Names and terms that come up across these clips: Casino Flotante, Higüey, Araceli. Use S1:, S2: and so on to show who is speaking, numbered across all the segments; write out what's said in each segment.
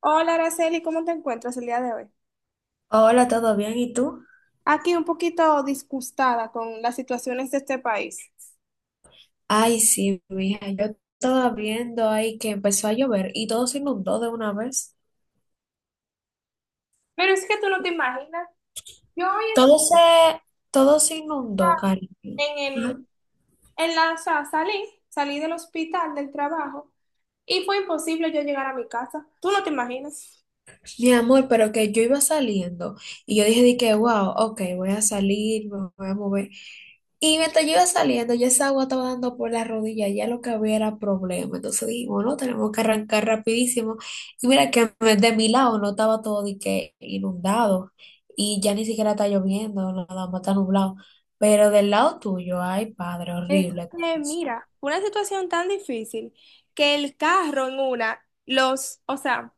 S1: Hola, Araceli, ¿cómo te encuentras el día de hoy?
S2: Hola, ¿todo bien? ¿Y tú?
S1: Aquí un poquito disgustada con las situaciones de este país.
S2: Ay, sí, mija, yo estaba viendo ahí que empezó a llover y todo se inundó de una vez.
S1: Pero es que tú no te imaginas. Yo hoy
S2: Todo se, Todo se inundó, cariño.
S1: en el,
S2: Ajá.
S1: en la, o sea, salí del hospital, del trabajo, y fue imposible yo llegar a mi casa. Tú no te imaginas.
S2: Mi amor, pero que yo iba saliendo y yo dije, wow, ok, voy a salir, me voy a mover. Y mientras yo iba saliendo, ya esa agua estaba dando por la rodilla, ya lo que había era problema. Entonces dijimos, no, tenemos que arrancar rapidísimo. Y mira que de mi lado no estaba todo de que inundado y ya ni siquiera está lloviendo, nada más está nublado. Pero del lado tuyo, ay, padre,
S1: Es
S2: horrible.
S1: que,
S2: Eso,
S1: mira, fue una situación tan difícil que el carro o sea,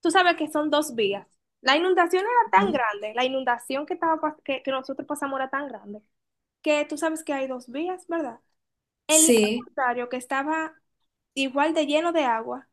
S1: tú sabes que son dos vías. La inundación era tan
S2: ¿no?
S1: grande, la inundación que, nosotros pasamos era tan grande que tú sabes que hay dos vías, ¿verdad? El lado
S2: Sí,
S1: contrario, que estaba igual de lleno de agua,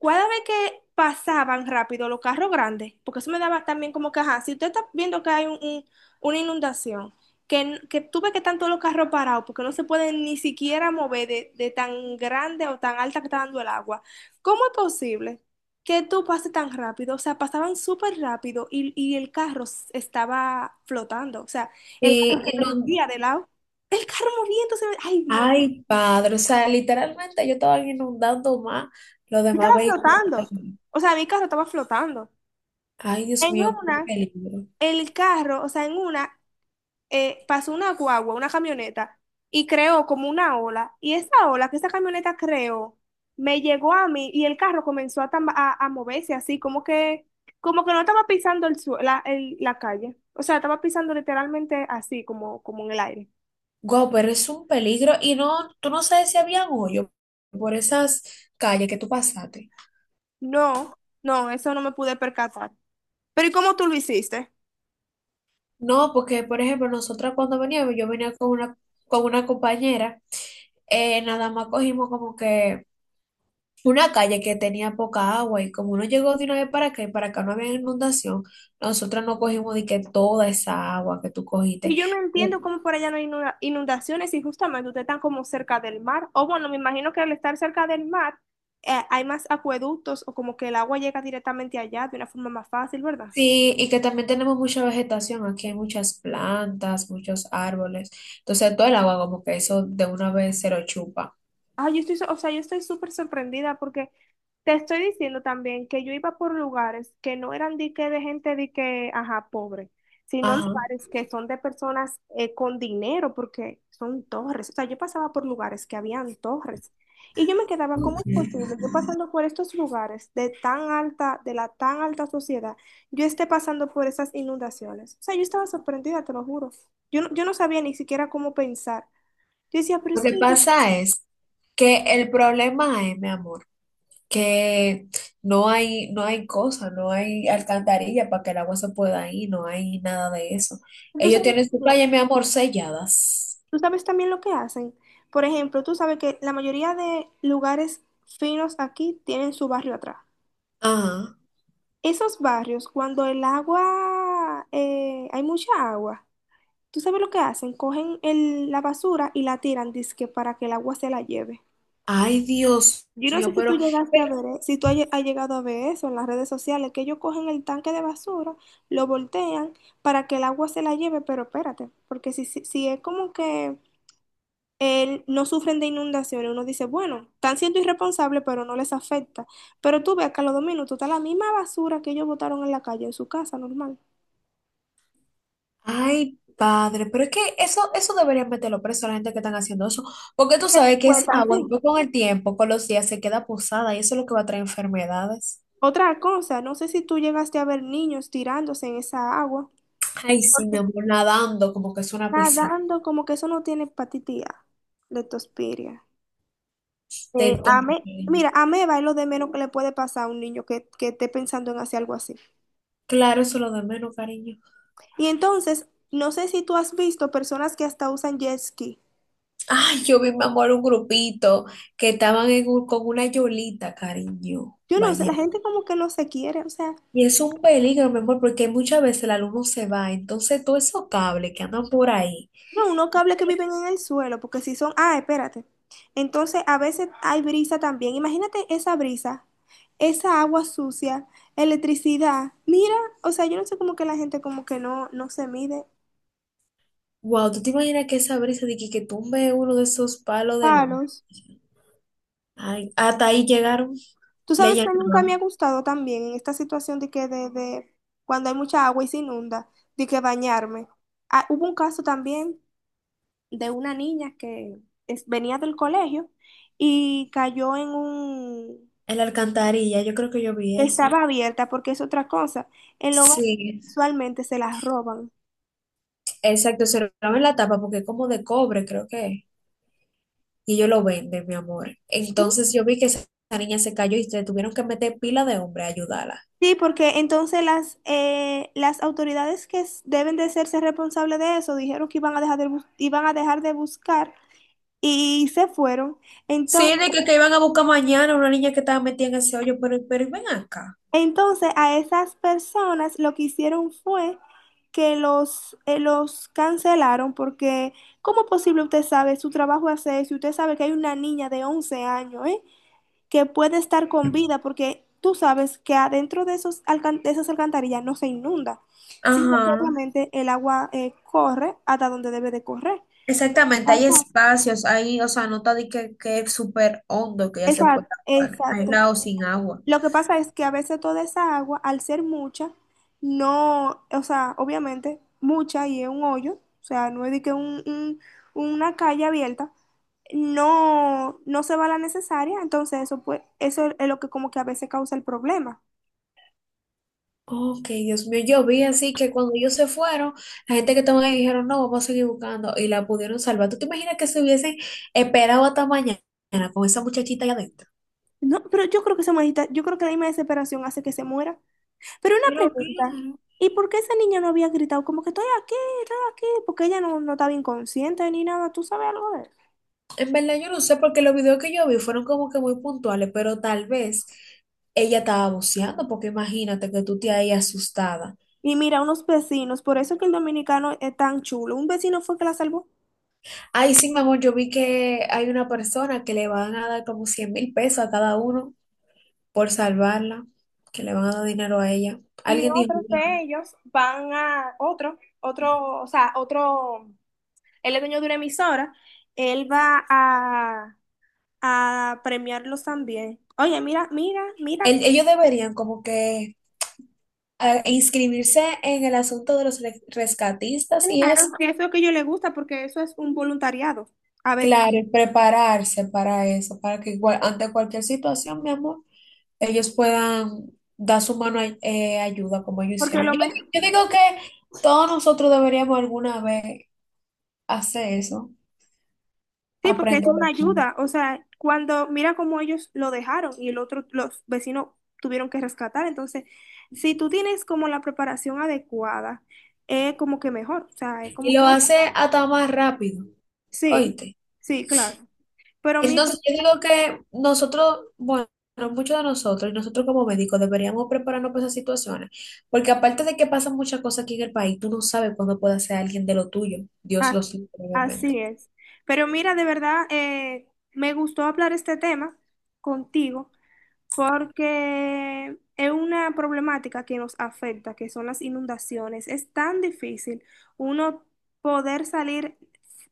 S1: cada vez que pasaban rápido los carros grandes, porque eso me daba también como que, ajá, si usted está viendo que hay una inundación, que tú ves que están todos los carros parados, porque no se pueden ni siquiera mover de tan grande o tan alta que está dando el agua, ¿cómo es posible que tú pases tan rápido? O sea, pasaban súper rápido y el carro estaba flotando, o sea, el
S2: y no,
S1: día de lado. El carro moviendo, ay, Dios,
S2: ay, padre, o sea, literalmente yo estaba inundando más los demás
S1: estaba
S2: vehículos que estaban
S1: flotando.
S2: ahí.
S1: O sea, mi carro estaba flotando.
S2: Ay, Dios
S1: En
S2: mío, qué
S1: una,
S2: peligro.
S1: el carro, o sea, en una, pasó una guagua, una camioneta, y creó como una ola. Y esa ola que esa camioneta creó me llegó a mí y el carro comenzó a moverse así, como que no estaba pisando el sue- la, el- la calle. O sea, estaba pisando literalmente así, como, como en el aire.
S2: Guau, pero es un peligro. Y no, tú no sabes si había hoyo por esas calles que tú pasaste.
S1: No, no, eso no me pude percatar. Pero ¿y cómo tú lo hiciste?
S2: No, porque, por ejemplo, nosotras cuando veníamos, yo venía con una compañera, nada más cogimos como que una calle que tenía poca agua y como uno llegó de una vez para acá y para acá no había inundación, nosotras no cogimos de que toda esa agua que tú cogiste.
S1: Y yo no entiendo cómo por allá no hay inundaciones y justamente ustedes están como cerca del mar. O bueno, me imagino que al estar cerca del mar, hay más acueductos o como que el agua llega directamente allá de una forma más fácil, ¿verdad?
S2: Sí, y que también tenemos mucha vegetación, aquí hay muchas plantas, muchos árboles, entonces todo el agua como que eso de una vez se lo chupa.
S1: Ah, yo estoy, o sea, yo estoy súper sorprendida porque te estoy diciendo también que yo iba por lugares que no eran de que de gente de que, ajá, pobre, sino
S2: Ajá.
S1: lugares que son de personas, con dinero porque son torres. O sea, yo pasaba por lugares que habían torres y yo me quedaba, ¿cómo
S2: Ok.
S1: es posible? Yo pasando por estos lugares de la tan alta sociedad, yo esté pasando por esas inundaciones. O sea, yo estaba sorprendida, te lo juro. Yo no sabía ni siquiera cómo pensar. Yo decía, pero
S2: Lo
S1: es
S2: que
S1: que
S2: pasa es que el problema es, mi amor, que no hay, no hay cosa, no hay alcantarilla para que el agua se pueda ir, no hay nada de eso.
S1: tú
S2: Ellos
S1: sabes.
S2: tienen su
S1: ¿Qué?
S2: playa, mi amor, selladas.
S1: Tú sabes también lo que hacen. Por ejemplo, tú sabes que la mayoría de lugares finos aquí tienen su barrio atrás.
S2: Ajá.
S1: Esos barrios, cuando el agua, hay mucha agua, tú sabes lo que hacen, cogen la basura y la tiran, dizque para que el agua se la lleve.
S2: Ay, Dios
S1: Yo no sé
S2: mío,
S1: si tú
S2: pero
S1: llegaste a ver, si tú has llegado a ver eso en las redes sociales, que ellos cogen el tanque de basura, lo voltean para que el agua se la lleve, pero espérate, porque si es como que, no sufren de inundaciones. Uno dice, bueno, están siendo irresponsables, pero no les afecta. Pero tú ves que a los dos minutos está la misma basura que ellos botaron en la calle, en su casa, normal.
S2: ay, padre, pero es que eso deberían meterlo preso a la gente que están haciendo eso, porque tú
S1: ¿Te das
S2: sabes que esa
S1: cuenta?
S2: agua
S1: Sí.
S2: después con el tiempo, con los días, se queda posada y eso es lo que va a traer enfermedades.
S1: Otra cosa, no sé si tú llegaste a ver niños tirándose en esa agua.
S2: Ay, sí, mi
S1: Porque
S2: amor, nadando como que es una piscina.
S1: nadando como que eso no tiene hepatitis A, leptospiria.
S2: Te tomo.
S1: Mira, ameba es lo de menos que le puede pasar a un niño que esté pensando en hacer algo así.
S2: Claro, eso es lo de menos, cariño.
S1: Y entonces, no sé si tú has visto personas que hasta usan jet ski.
S2: Ay, yo vi, mi amor, un grupito que estaban en con una yolita, cariño,
S1: Yo no sé, la
S2: bañando.
S1: gente como que no se quiere, o sea,
S2: Y es un peligro, mi amor, porque muchas veces el alumno se va, entonces todos esos cables que andan por ahí.
S1: no, unos cables que viven en el suelo, porque si son, ah, espérate. Entonces, a veces hay brisa también. Imagínate esa brisa, esa agua sucia, electricidad. Mira, o sea, yo no sé como que la gente como que no, no se mide.
S2: Wow, ¿tú te imaginas que esa brisa que tumbe uno de esos palos de luz?
S1: Palos.
S2: Ay, hasta ahí llegaron,
S1: Tú
S2: le
S1: sabes que nunca me ha
S2: llenaron
S1: gustado también en esta situación de que de cuando hay mucha agua y se inunda, de que bañarme. Ah, hubo un caso también de una niña que venía del colegio y cayó en un...
S2: en la alcantarilla, yo creo que yo vi
S1: que
S2: eso.
S1: estaba abierta porque es otra cosa. En lo
S2: Sí,
S1: usualmente se las roban.
S2: exacto, se lo clavan en la tapa porque es como de cobre, creo que es, y ellos lo venden, mi amor. Entonces yo vi que esa niña se cayó y se tuvieron que meter pila de hombre a ayudarla.
S1: Sí, porque entonces las autoridades que deben de hacerse responsables de eso dijeron que iban a dejar de iban a dejar de buscar y se fueron.
S2: Sí,
S1: Entonces,
S2: de que iban a buscar mañana una niña que estaba metida en ese hoyo, pero ven acá.
S1: entonces, a esas personas lo que hicieron fue que los cancelaron porque, ¿cómo es posible usted sabe su trabajo hace eso? Y usted sabe que hay una niña de 11 años, ¿eh? Que puede estar con vida porque tú sabes que adentro de esos de esas alcantarillas no se inunda, sino que
S2: Ajá.
S1: obviamente el agua, corre hasta donde debe de correr.
S2: Exactamente, hay
S1: Ajá.
S2: espacios ahí, o sea, no está de que es súper hondo que ya se puede
S1: Exacto,
S2: actuar, aislado
S1: exacto.
S2: sin agua.
S1: Lo que pasa es que a veces toda esa agua, al ser mucha, no, o sea, obviamente mucha y es un hoyo, o sea, no es de que una calle abierta, no, no se va la necesaria, entonces eso pues, eso es lo que como que a veces causa el problema.
S2: Ok, Dios mío, yo vi así que cuando ellos se fueron, la gente que estaba ahí dijeron, no, vamos a seguir buscando y la pudieron salvar. ¿Tú te imaginas que se hubiesen esperado hasta mañana con esa muchachita allá adentro?
S1: No, pero yo creo que esa manita, yo creo que la misma desesperación hace que se muera. Pero una
S2: Pero
S1: pregunta,
S2: claro.
S1: ¿y por qué esa niña no había gritado como que estoy aquí, estoy aquí? Porque ella no, no estaba inconsciente ni nada, ¿tú sabes algo de eso?
S2: En verdad yo no sé porque los videos que yo vi fueron como que muy puntuales, pero tal vez ella estaba buceando, porque imagínate que tú te ahí asustada.
S1: Y mira, unos vecinos, por eso es que el dominicano es tan chulo. Un vecino fue que la salvó.
S2: Ay, sí, mi amor, yo vi que hay una persona que le van a dar como 100,000 pesos a cada uno por salvarla, que le van a dar dinero a ella.
S1: Y
S2: Alguien dijo,
S1: otros de
S2: "Wow".
S1: ellos van a otro, él es dueño de una emisora, él va a premiarlos también. Oye, mira,
S2: Ellos deberían como que ah, inscribirse en el asunto de los rescatistas y
S1: claro
S2: es,
S1: que eso es lo que yo le gusta porque eso es un voluntariado a veces.
S2: claro, y prepararse para eso, para que igual, ante cualquier situación, mi amor, ellos puedan dar su mano ayuda como ellos
S1: Porque
S2: hicieron.
S1: lo, me-
S2: Yo digo que todos nosotros deberíamos alguna vez hacer eso,
S1: Sí, porque es una
S2: aprender.
S1: ayuda. O sea, cuando mira cómo ellos lo dejaron y el otro, los vecinos tuvieron que rescatar. Entonces, si tú tienes como la preparación adecuada, es como que mejor. O sea, es
S2: Y
S1: como que
S2: lo hace hasta más rápido,
S1: sí,
S2: oíste.
S1: sí, claro. Pero mira,
S2: Entonces, yo digo que nosotros, bueno, muchos de nosotros, y nosotros como médicos, deberíamos prepararnos para esas situaciones, porque aparte de que pasan muchas cosas aquí en el país, tú no sabes cuándo puede ser alguien de lo tuyo, Dios lo
S1: ah,
S2: sabe, obviamente.
S1: así es. Pero mira, de verdad, me gustó hablar este tema contigo. Porque es una problemática que nos afecta, que son las inundaciones. Es tan difícil uno poder salir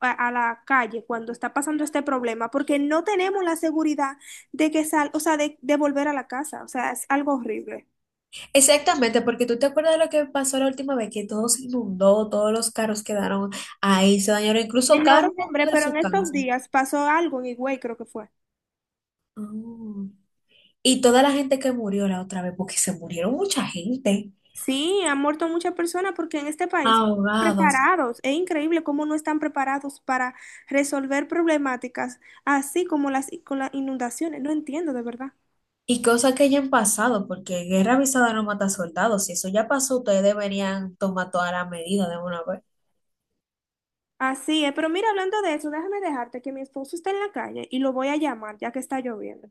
S1: a la calle cuando está pasando este problema, porque no tenemos la seguridad de que sal, o sea, de volver a la casa. O sea, es algo horrible.
S2: Exactamente, porque tú te acuerdas de lo que pasó la última vez, que todo se inundó, todos los carros quedaron ahí, se dañaron incluso
S1: En
S2: carros
S1: noviembre,
S2: dentro de
S1: pero en
S2: su
S1: estos
S2: casa.
S1: días pasó algo en Higüey, creo que fue.
S2: Ah. Y toda la gente que murió la otra vez, porque se murieron mucha gente.
S1: Sí, han muerto muchas personas porque en este país no están
S2: Ahogados.
S1: preparados. Es increíble cómo no están preparados para resolver problemáticas, así como con las inundaciones. No entiendo de verdad.
S2: Y cosas que hayan pasado, porque guerra avisada no mata soldados. Si eso ya pasó, ustedes deberían tomar todas las medidas de una vez.
S1: Así es, pero mira, hablando de eso, déjame dejarte que mi esposo está en la calle y lo voy a llamar ya que está lloviendo.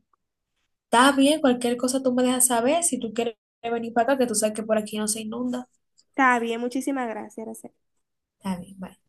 S2: Está bien, cualquier cosa tú me dejas saber. Si tú quieres venir para acá, que tú sabes que por aquí no se inunda.
S1: Está bien, muchísimas gracias, Araceli.
S2: Está bien, bye.